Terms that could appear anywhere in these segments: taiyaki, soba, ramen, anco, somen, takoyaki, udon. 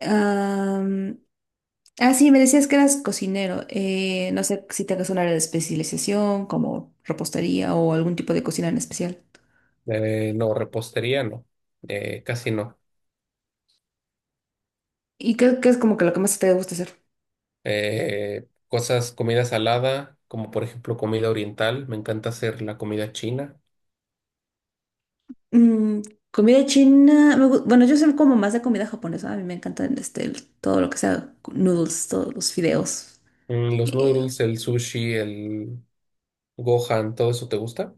Am, ah, sí, me decías que eras cocinero. No sé si tengas un área de especialización, como repostería o algún tipo de cocina en especial. No, repostería no. Casi no. ¿Y qué es como que lo que más te gusta hacer? Cosas, comida salada, como por ejemplo comida oriental, me encanta hacer la comida china. Mm, Comida china. Bueno, yo soy como más de comida japonesa. A mí me encanta este, todo lo que sea noodles, todos los fideos. Mm, los Eh, noodles, el sushi, el gohan, ¿todo eso te gusta?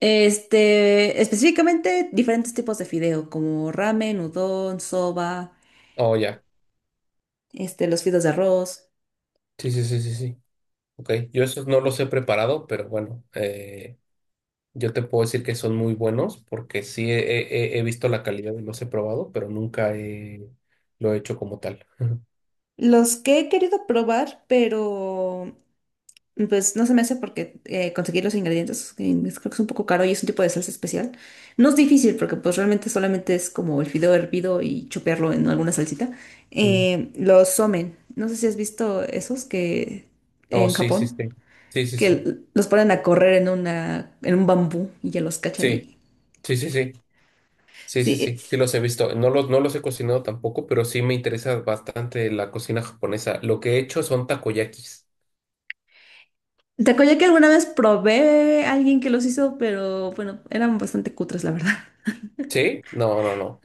este, específicamente diferentes tipos de fideo, como ramen, udon, soba, Oh, ya. este, los fideos de arroz. Sí, sí, sí, sí, sí. Ok, yo esos no los he preparado, pero bueno, yo te puedo decir que son muy buenos porque he visto la calidad y los he probado, pero nunca he- lo he hecho como tal. Los que he querido probar, pero pues no se me hace porque conseguir los ingredientes, creo que es un poco caro y es un tipo de salsa especial. No es difícil porque pues realmente solamente es como el fideo hervido y chopearlo en alguna salsita. Mm. Los somen, no sé si has visto esos que Oh, en sí, sí, sí. Japón, Sí, sí, que sí. Los ponen a correr en una, en un bambú y ya los cachan Sí. y... Sí, sí, sí, sí, sí, Sí, sí, sí los he visto. No los he cocinado tampoco, pero sí me interesa bastante la cocina japonesa. Lo que he hecho son takoyakis. te que alguna vez probé a alguien que los hizo, pero bueno, eran bastante cutres, la verdad. ¿Sí? No, no, no.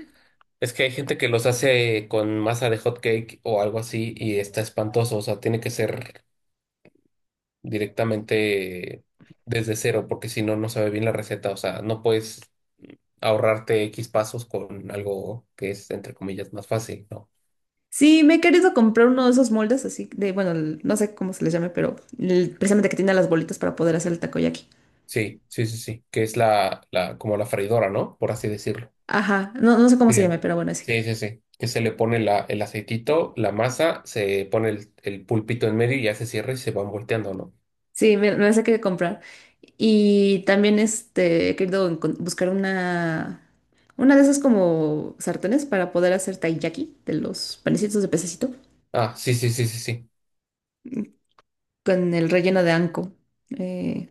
Es que hay gente que los hace con masa de hot cake o algo así y está espantoso. O sea, tiene que ser directamente desde cero, porque si no, no sabe bien la receta. O sea, no puedes ahorrarte X pasos con algo que es, entre comillas, más fácil, ¿no? Sí, me he querido comprar uno de esos moldes así de, bueno, no sé cómo se les llame, pero precisamente que tiene las bolitas para poder hacer el takoyaki. Sí, sí, sí, sí, que es como la freidora, ¿no? Por así decirlo. Ajá, no, no sé cómo Sí. se llame, pero bueno, sí. Sí, sí, sí. Que se le pone el aceitito, la masa, se pone el pulpito en medio y ya se cierra y se van volteando, ¿no? Sí, me las he querido comprar. Y también este, he querido buscar una, de esas como sartenes para poder hacer taiyaki de los panecitos de pececito Ah, sí, sí, sí, sí, sí. con el relleno de anco. Eh,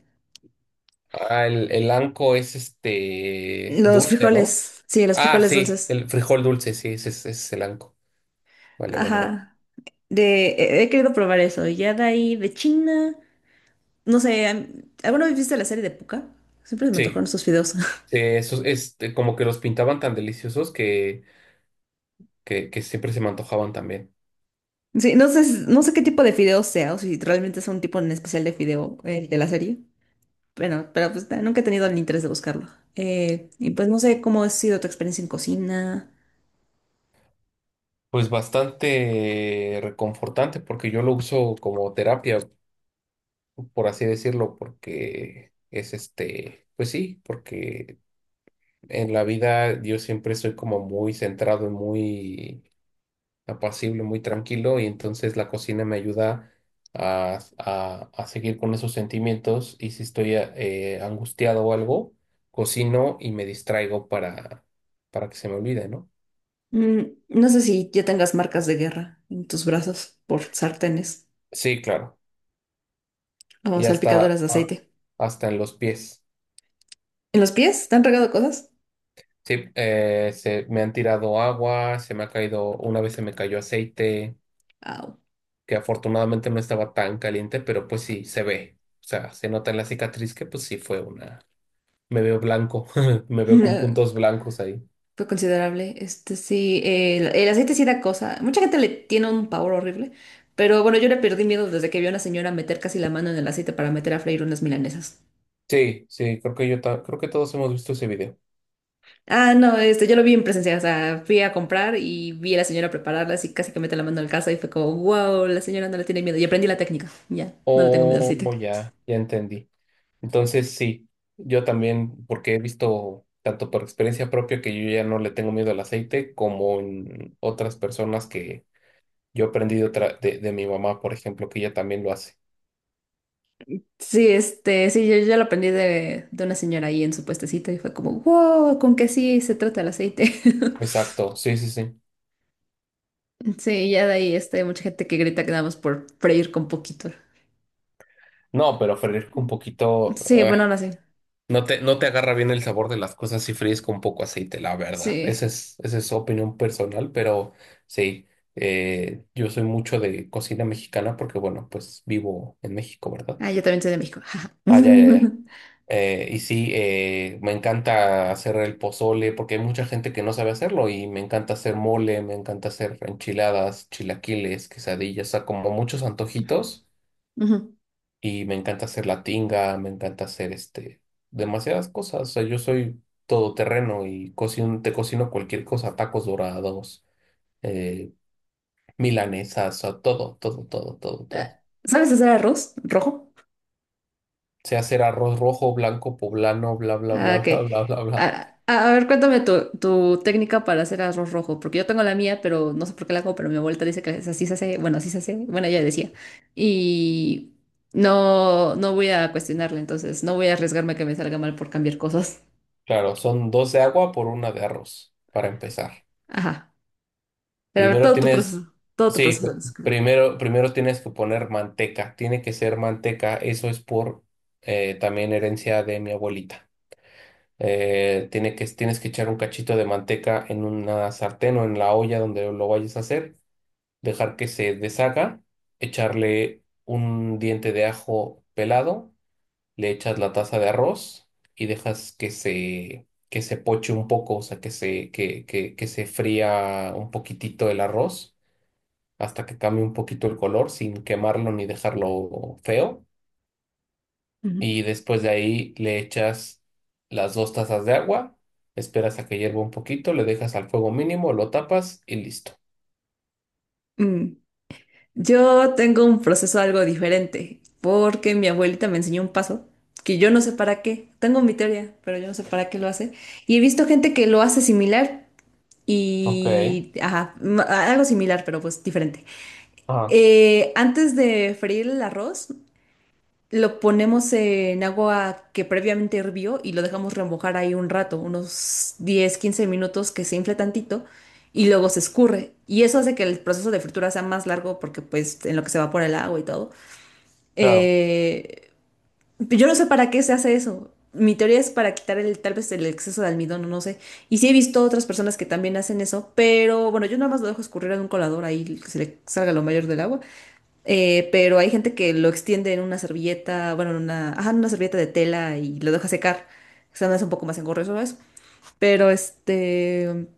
Ah, el anco es este los dulce, ¿no? frijoles, sí, los Ah, frijoles sí, dulces. el frijol dulce, sí, ese es el anco. Vale, vale, vale. Ajá. He querido probar eso. Ya de ahí de China. No sé, ¿alguna vez viste la serie de puka? Siempre me antojaron Sí, esos fideos. sí, esos, este, como que los pintaban tan deliciosos que siempre se me antojaban también. Sí, no sé qué tipo de fideos sea, o si realmente es un tipo en especial de fideo el de la serie. Bueno, pero pues nunca he tenido el interés de buscarlo. Y pues no sé cómo ha sido tu experiencia en cocina. Pues bastante reconfortante porque yo lo uso como terapia, por así decirlo, porque es este, pues sí, porque en la vida yo siempre soy como muy centrado y muy apacible, muy tranquilo, y entonces la cocina me ayuda a seguir con esos sentimientos, y si estoy angustiado o algo, cocino y me distraigo para que se me olvide, ¿no? Mm, no sé si ya tengas marcas de guerra en tus brazos por sartenes Sí, claro, o y hasta, salpicadoras de aceite. hasta en los pies. ¿En los pies? ¿Te han regado cosas? Sí, me han tirado agua, se me ha caído, una vez se me cayó aceite, Au. que afortunadamente no estaba tan caliente, pero pues sí, se ve. O sea, se nota en la cicatriz que pues sí fue una... Me veo blanco, me veo con puntos blancos ahí. Fue considerable. Este sí, el aceite sí da cosa. Mucha gente le tiene un pavor horrible. Pero bueno, yo le perdí miedo desde que vi a una señora meter casi la mano en el aceite para meter a freír unas milanesas. Sí, sí, creo que creo que todos hemos visto ese video. Ah, no, este, yo lo vi en presencia. O sea, fui a comprar y vi a la señora prepararlas y casi que mete la mano en la casa y fue como, wow, la señora no le tiene miedo. Y aprendí la técnica. Ya, no le tengo miedo al Oh, aceite. ya, ya entendí. Entonces sí, yo también, porque he visto tanto por experiencia propia que yo ya no le tengo miedo al aceite, como en otras personas que yo aprendí de, de mi mamá, por ejemplo, que ella también lo hace. Sí, este, sí, yo lo aprendí de una señora ahí en su puestecito y fue como, wow, con que sí se trata el aceite. Exacto, sí, sí, sí. Sí, ya de ahí este, hay mucha gente que grita que nada más por freír con poquito. No, pero fresco un poquito, Sí, bueno, no sé. No te agarra bien el sabor de las cosas si fríes con poco aceite, la verdad. Sí. Esa es opinión personal, pero sí, yo soy mucho de cocina mexicana porque, bueno, pues vivo en México, ¿verdad? Ah, yo también soy de México. Jaja. Ah, ya, ya, ya. Y sí, me encanta hacer el pozole porque hay mucha gente que no sabe hacerlo y me encanta hacer mole, me encanta hacer enchiladas, chilaquiles, quesadillas, o sea, como muchos antojitos Ujú. y me encanta hacer la tinga, me encanta hacer este, demasiadas cosas, o sea, yo soy todoterreno y cocino, te cocino cualquier cosa, tacos dorados, eh, milanesas, o sea, todo, todo, todo, todo, todo. Ah, ¿sabes hacer arroz rojo? Sé hacer arroz rojo, blanco, poblano, bla, bla, Ah, bla, ok. bla, bla, bla, bla. Ah, a ver, cuéntame tu técnica para hacer arroz rojo, porque yo tengo la mía, pero no sé por qué la hago, pero mi abuelita dice que así se hace, bueno, así se hace, bueno, ella decía. Y no, no voy a cuestionarle, entonces no voy a arriesgarme a que me salga mal por cambiar cosas. Claro, son dos de agua por una de arroz, para empezar. Ajá. Pero a ver, Primero todo tu tienes, proceso, todo tu sí, proceso. pr- primero, Primero tienes que poner manteca, tiene que ser manteca, eso es por también herencia de mi abuelita. Tienes que echar un cachito de manteca en una sartén o en la olla donde lo vayas a hacer, dejar que se deshaga, echarle un diente de ajo pelado, le echas la taza de arroz y dejas que se poche un poco, o sea, que se fría un poquitito el arroz hasta que cambie un poquito el color sin quemarlo ni dejarlo feo. Ujú. Y después de ahí le echas las dos tazas de agua, esperas a que hierva un poquito, le dejas al fuego mínimo, lo tapas y listo. Mm. Yo tengo un proceso algo diferente, porque mi abuelita me enseñó un paso que yo no sé para qué. Tengo mi teoría, pero yo no sé para qué lo hace. Y he visto gente que lo hace similar Ok, y, ajá, algo similar, pero pues diferente. ah, Antes de freír el arroz, lo ponemos en agua que previamente hirvió y lo dejamos remojar ahí un rato, unos 10 15 minutos que se infle tantito y luego se escurre. Y eso hace que el proceso de fritura sea más largo porque pues en lo que se evapora el agua y todo. claro. Eh, yo no sé para qué se hace eso. Mi teoría es para quitar el, tal vez el exceso de almidón, o no sé. Y sí he visto otras personas que también hacen eso, pero bueno, yo nada más lo dejo escurrir en un colador ahí que se le salga lo mayor del agua. Pero hay gente que lo extiende en una servilleta, bueno, en una, ajá, en una servilleta de tela y lo deja secar. O sea, no es un poco más engorroso eso. Pero este,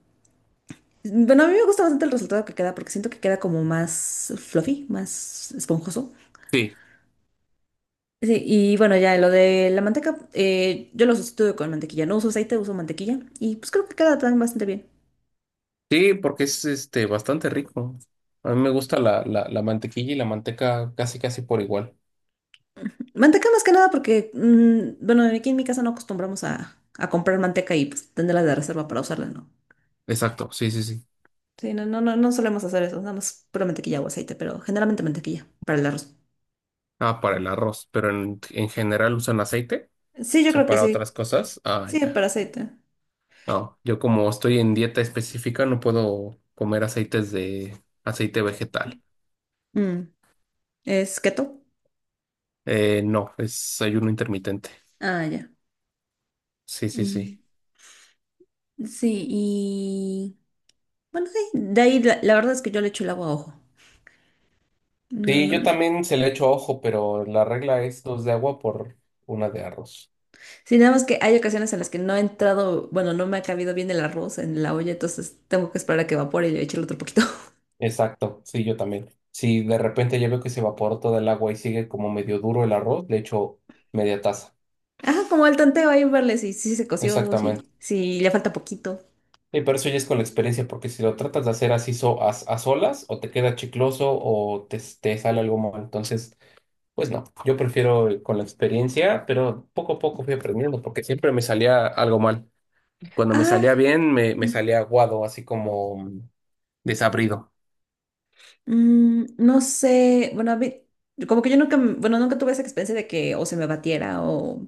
bueno, a mí me gusta bastante el resultado que queda porque siento que queda como más fluffy, más esponjoso. Sí, Sí, y bueno, ya lo de la manteca, yo lo sustituyo con mantequilla. No uso aceite, uso mantequilla. Y pues creo que queda también bastante bien. sí, porque es este bastante rico. A mí me gusta la mantequilla y la manteca casi casi por igual. Manteca más que nada porque, bueno, aquí en mi casa no acostumbramos a comprar manteca y pues tenerla de reserva para usarla, ¿no? Exacto, sí, sí, sí. Sí, no, no, no, no solemos hacer eso, nada más pura mantequilla o aceite, pero generalmente mantequilla para el arroz. Ah, para el arroz, pero en general usan aceite, Sí, o yo sea, creo que para sí. otras cosas. Ah, Sí, ya. para aceite. No, yo como estoy en dieta específica no puedo comer aceite vegetal. Mm, ¿Es keto? No, es ayuno intermitente. Ah, ya. Sí, sí, Mm, sí. Sí, y bueno, sí, de ahí la, verdad es que yo le echo el agua a ojo. No, Sí, no. yo No. también se le echo ojo, pero la regla es dos de agua por una de arroz. Sí, nada más que hay ocasiones en las que no ha entrado, bueno, no me ha cabido bien el arroz en la olla, entonces tengo que esperar a que evapore y le echarle otro poquito. Exacto, sí, yo también. Si de repente ya veo que se evaporó toda el agua y sigue como medio duro el arroz, le echo media taza. Ajá, como el tanteo ahí, verle si, si se coció, Exactamente. si, si le falta poquito. Y pero eso ya es con la experiencia, porque si lo tratas de hacer así a solas, o te queda chicloso o te sale algo mal. Entonces, pues no, yo prefiero con la experiencia, pero poco a poco fui aprendiendo, porque siempre me salía algo mal. Cuando me Ah. salía bien, me salía aguado, así como mm, desabrido. No sé, bueno, como que yo nunca, bueno, nunca tuve esa experiencia de que o se me batiera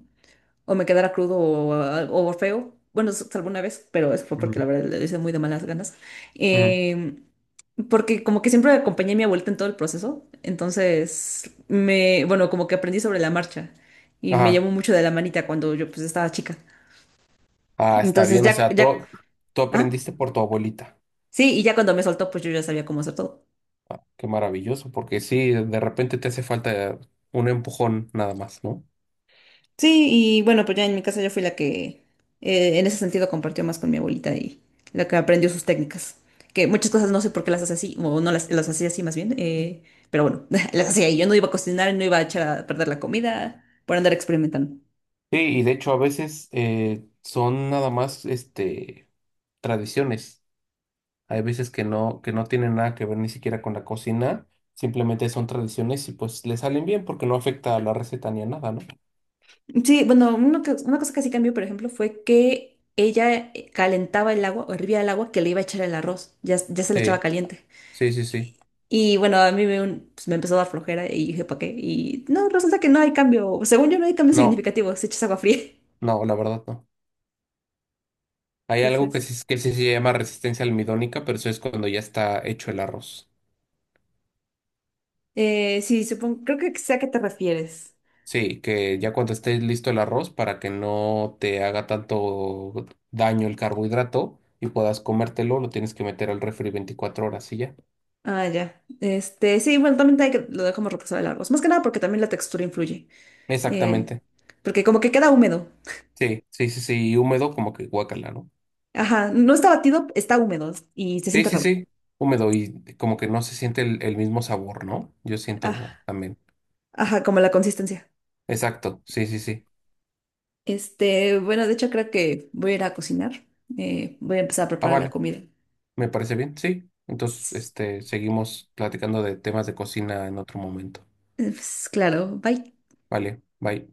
o me quedara crudo o, o feo. Bueno, alguna vez, pero es fue porque Ujú, la verdad lo hice muy de malas ganas. ujú. Em, porque como que siempre acompañé a mi abuelita en todo el proceso, entonces me, bueno, como que aprendí sobre la marcha y me Ajá, llevó mucho de la manita cuando yo pues estaba chica. ah, está Entonces bien, o ya, sea, ya, tú ah, aprendiste por tu abuelita. sí, y ya cuando me soltó pues yo ya sabía cómo hacer todo. Qué maravilloso, porque sí, de repente te hace falta un empujón nada más, ¿no? Sí, y bueno, pues ya en mi casa yo fui la que en ese sentido compartió más con mi abuelita y la que aprendió sus técnicas. Que muchas cosas no sé por qué las hace así, o no las hacía así más bien, pero bueno, las hacía y yo no iba a cocinar, no iba a echar a perder la comida por andar experimentando. Sí, y de hecho a veces son nada más este tradiciones. Hay veces que no tienen nada que ver ni siquiera con la cocina, simplemente son tradiciones y pues le salen bien porque no afecta a la receta ni a nada, ¿no? Sí, bueno, una, una cosa que sí cambió, por ejemplo, fue que ella calentaba el agua o hervía el agua que le iba a echar el arroz, ya, ya se le echaba Sí, caliente. sí, sí, sí. Y bueno, a mí me, pues, me empezó a dar flojera y dije, ¿para qué? Y no, resulta que no hay cambio. Según yo, no hay cambio No, significativo. Se echas agua fría. no, la verdad no. Hay algo Entonces, que sí se llama resistencia almidónica, pero eso es cuando ya está hecho el arroz. Sí, supongo, creo que sé a qué te refieres. Sí, que ya cuando esté listo el arroz para que no te haga tanto daño el carbohidrato y puedas comértelo, lo tienes que meter al refri 24 horas y ya. Ah, ya. Este, sí, bueno, también hay que, lo dejamos reposar de largos. Más que nada porque también la textura influye. Eh, Exactamente. porque como que queda húmedo. Sí, sí, sí, sí, y húmedo como que guácala, ¿no? Ajá, no está batido, está húmedo y se Sí, siente sí, raro. sí, húmedo y como que no se siente el mismo sabor, ¿no? Yo siento Ah, como también. ajá, como la consistencia. Exacto, sí, sí, sí. Este, bueno, de hecho creo que voy a ir a cocinar. Voy a empezar a Ah, preparar la vale, comida. me parece bien, sí. Entonces, este, seguimos platicando de temas de cocina en otro momento. Pues, claro, bye. Vale, bye.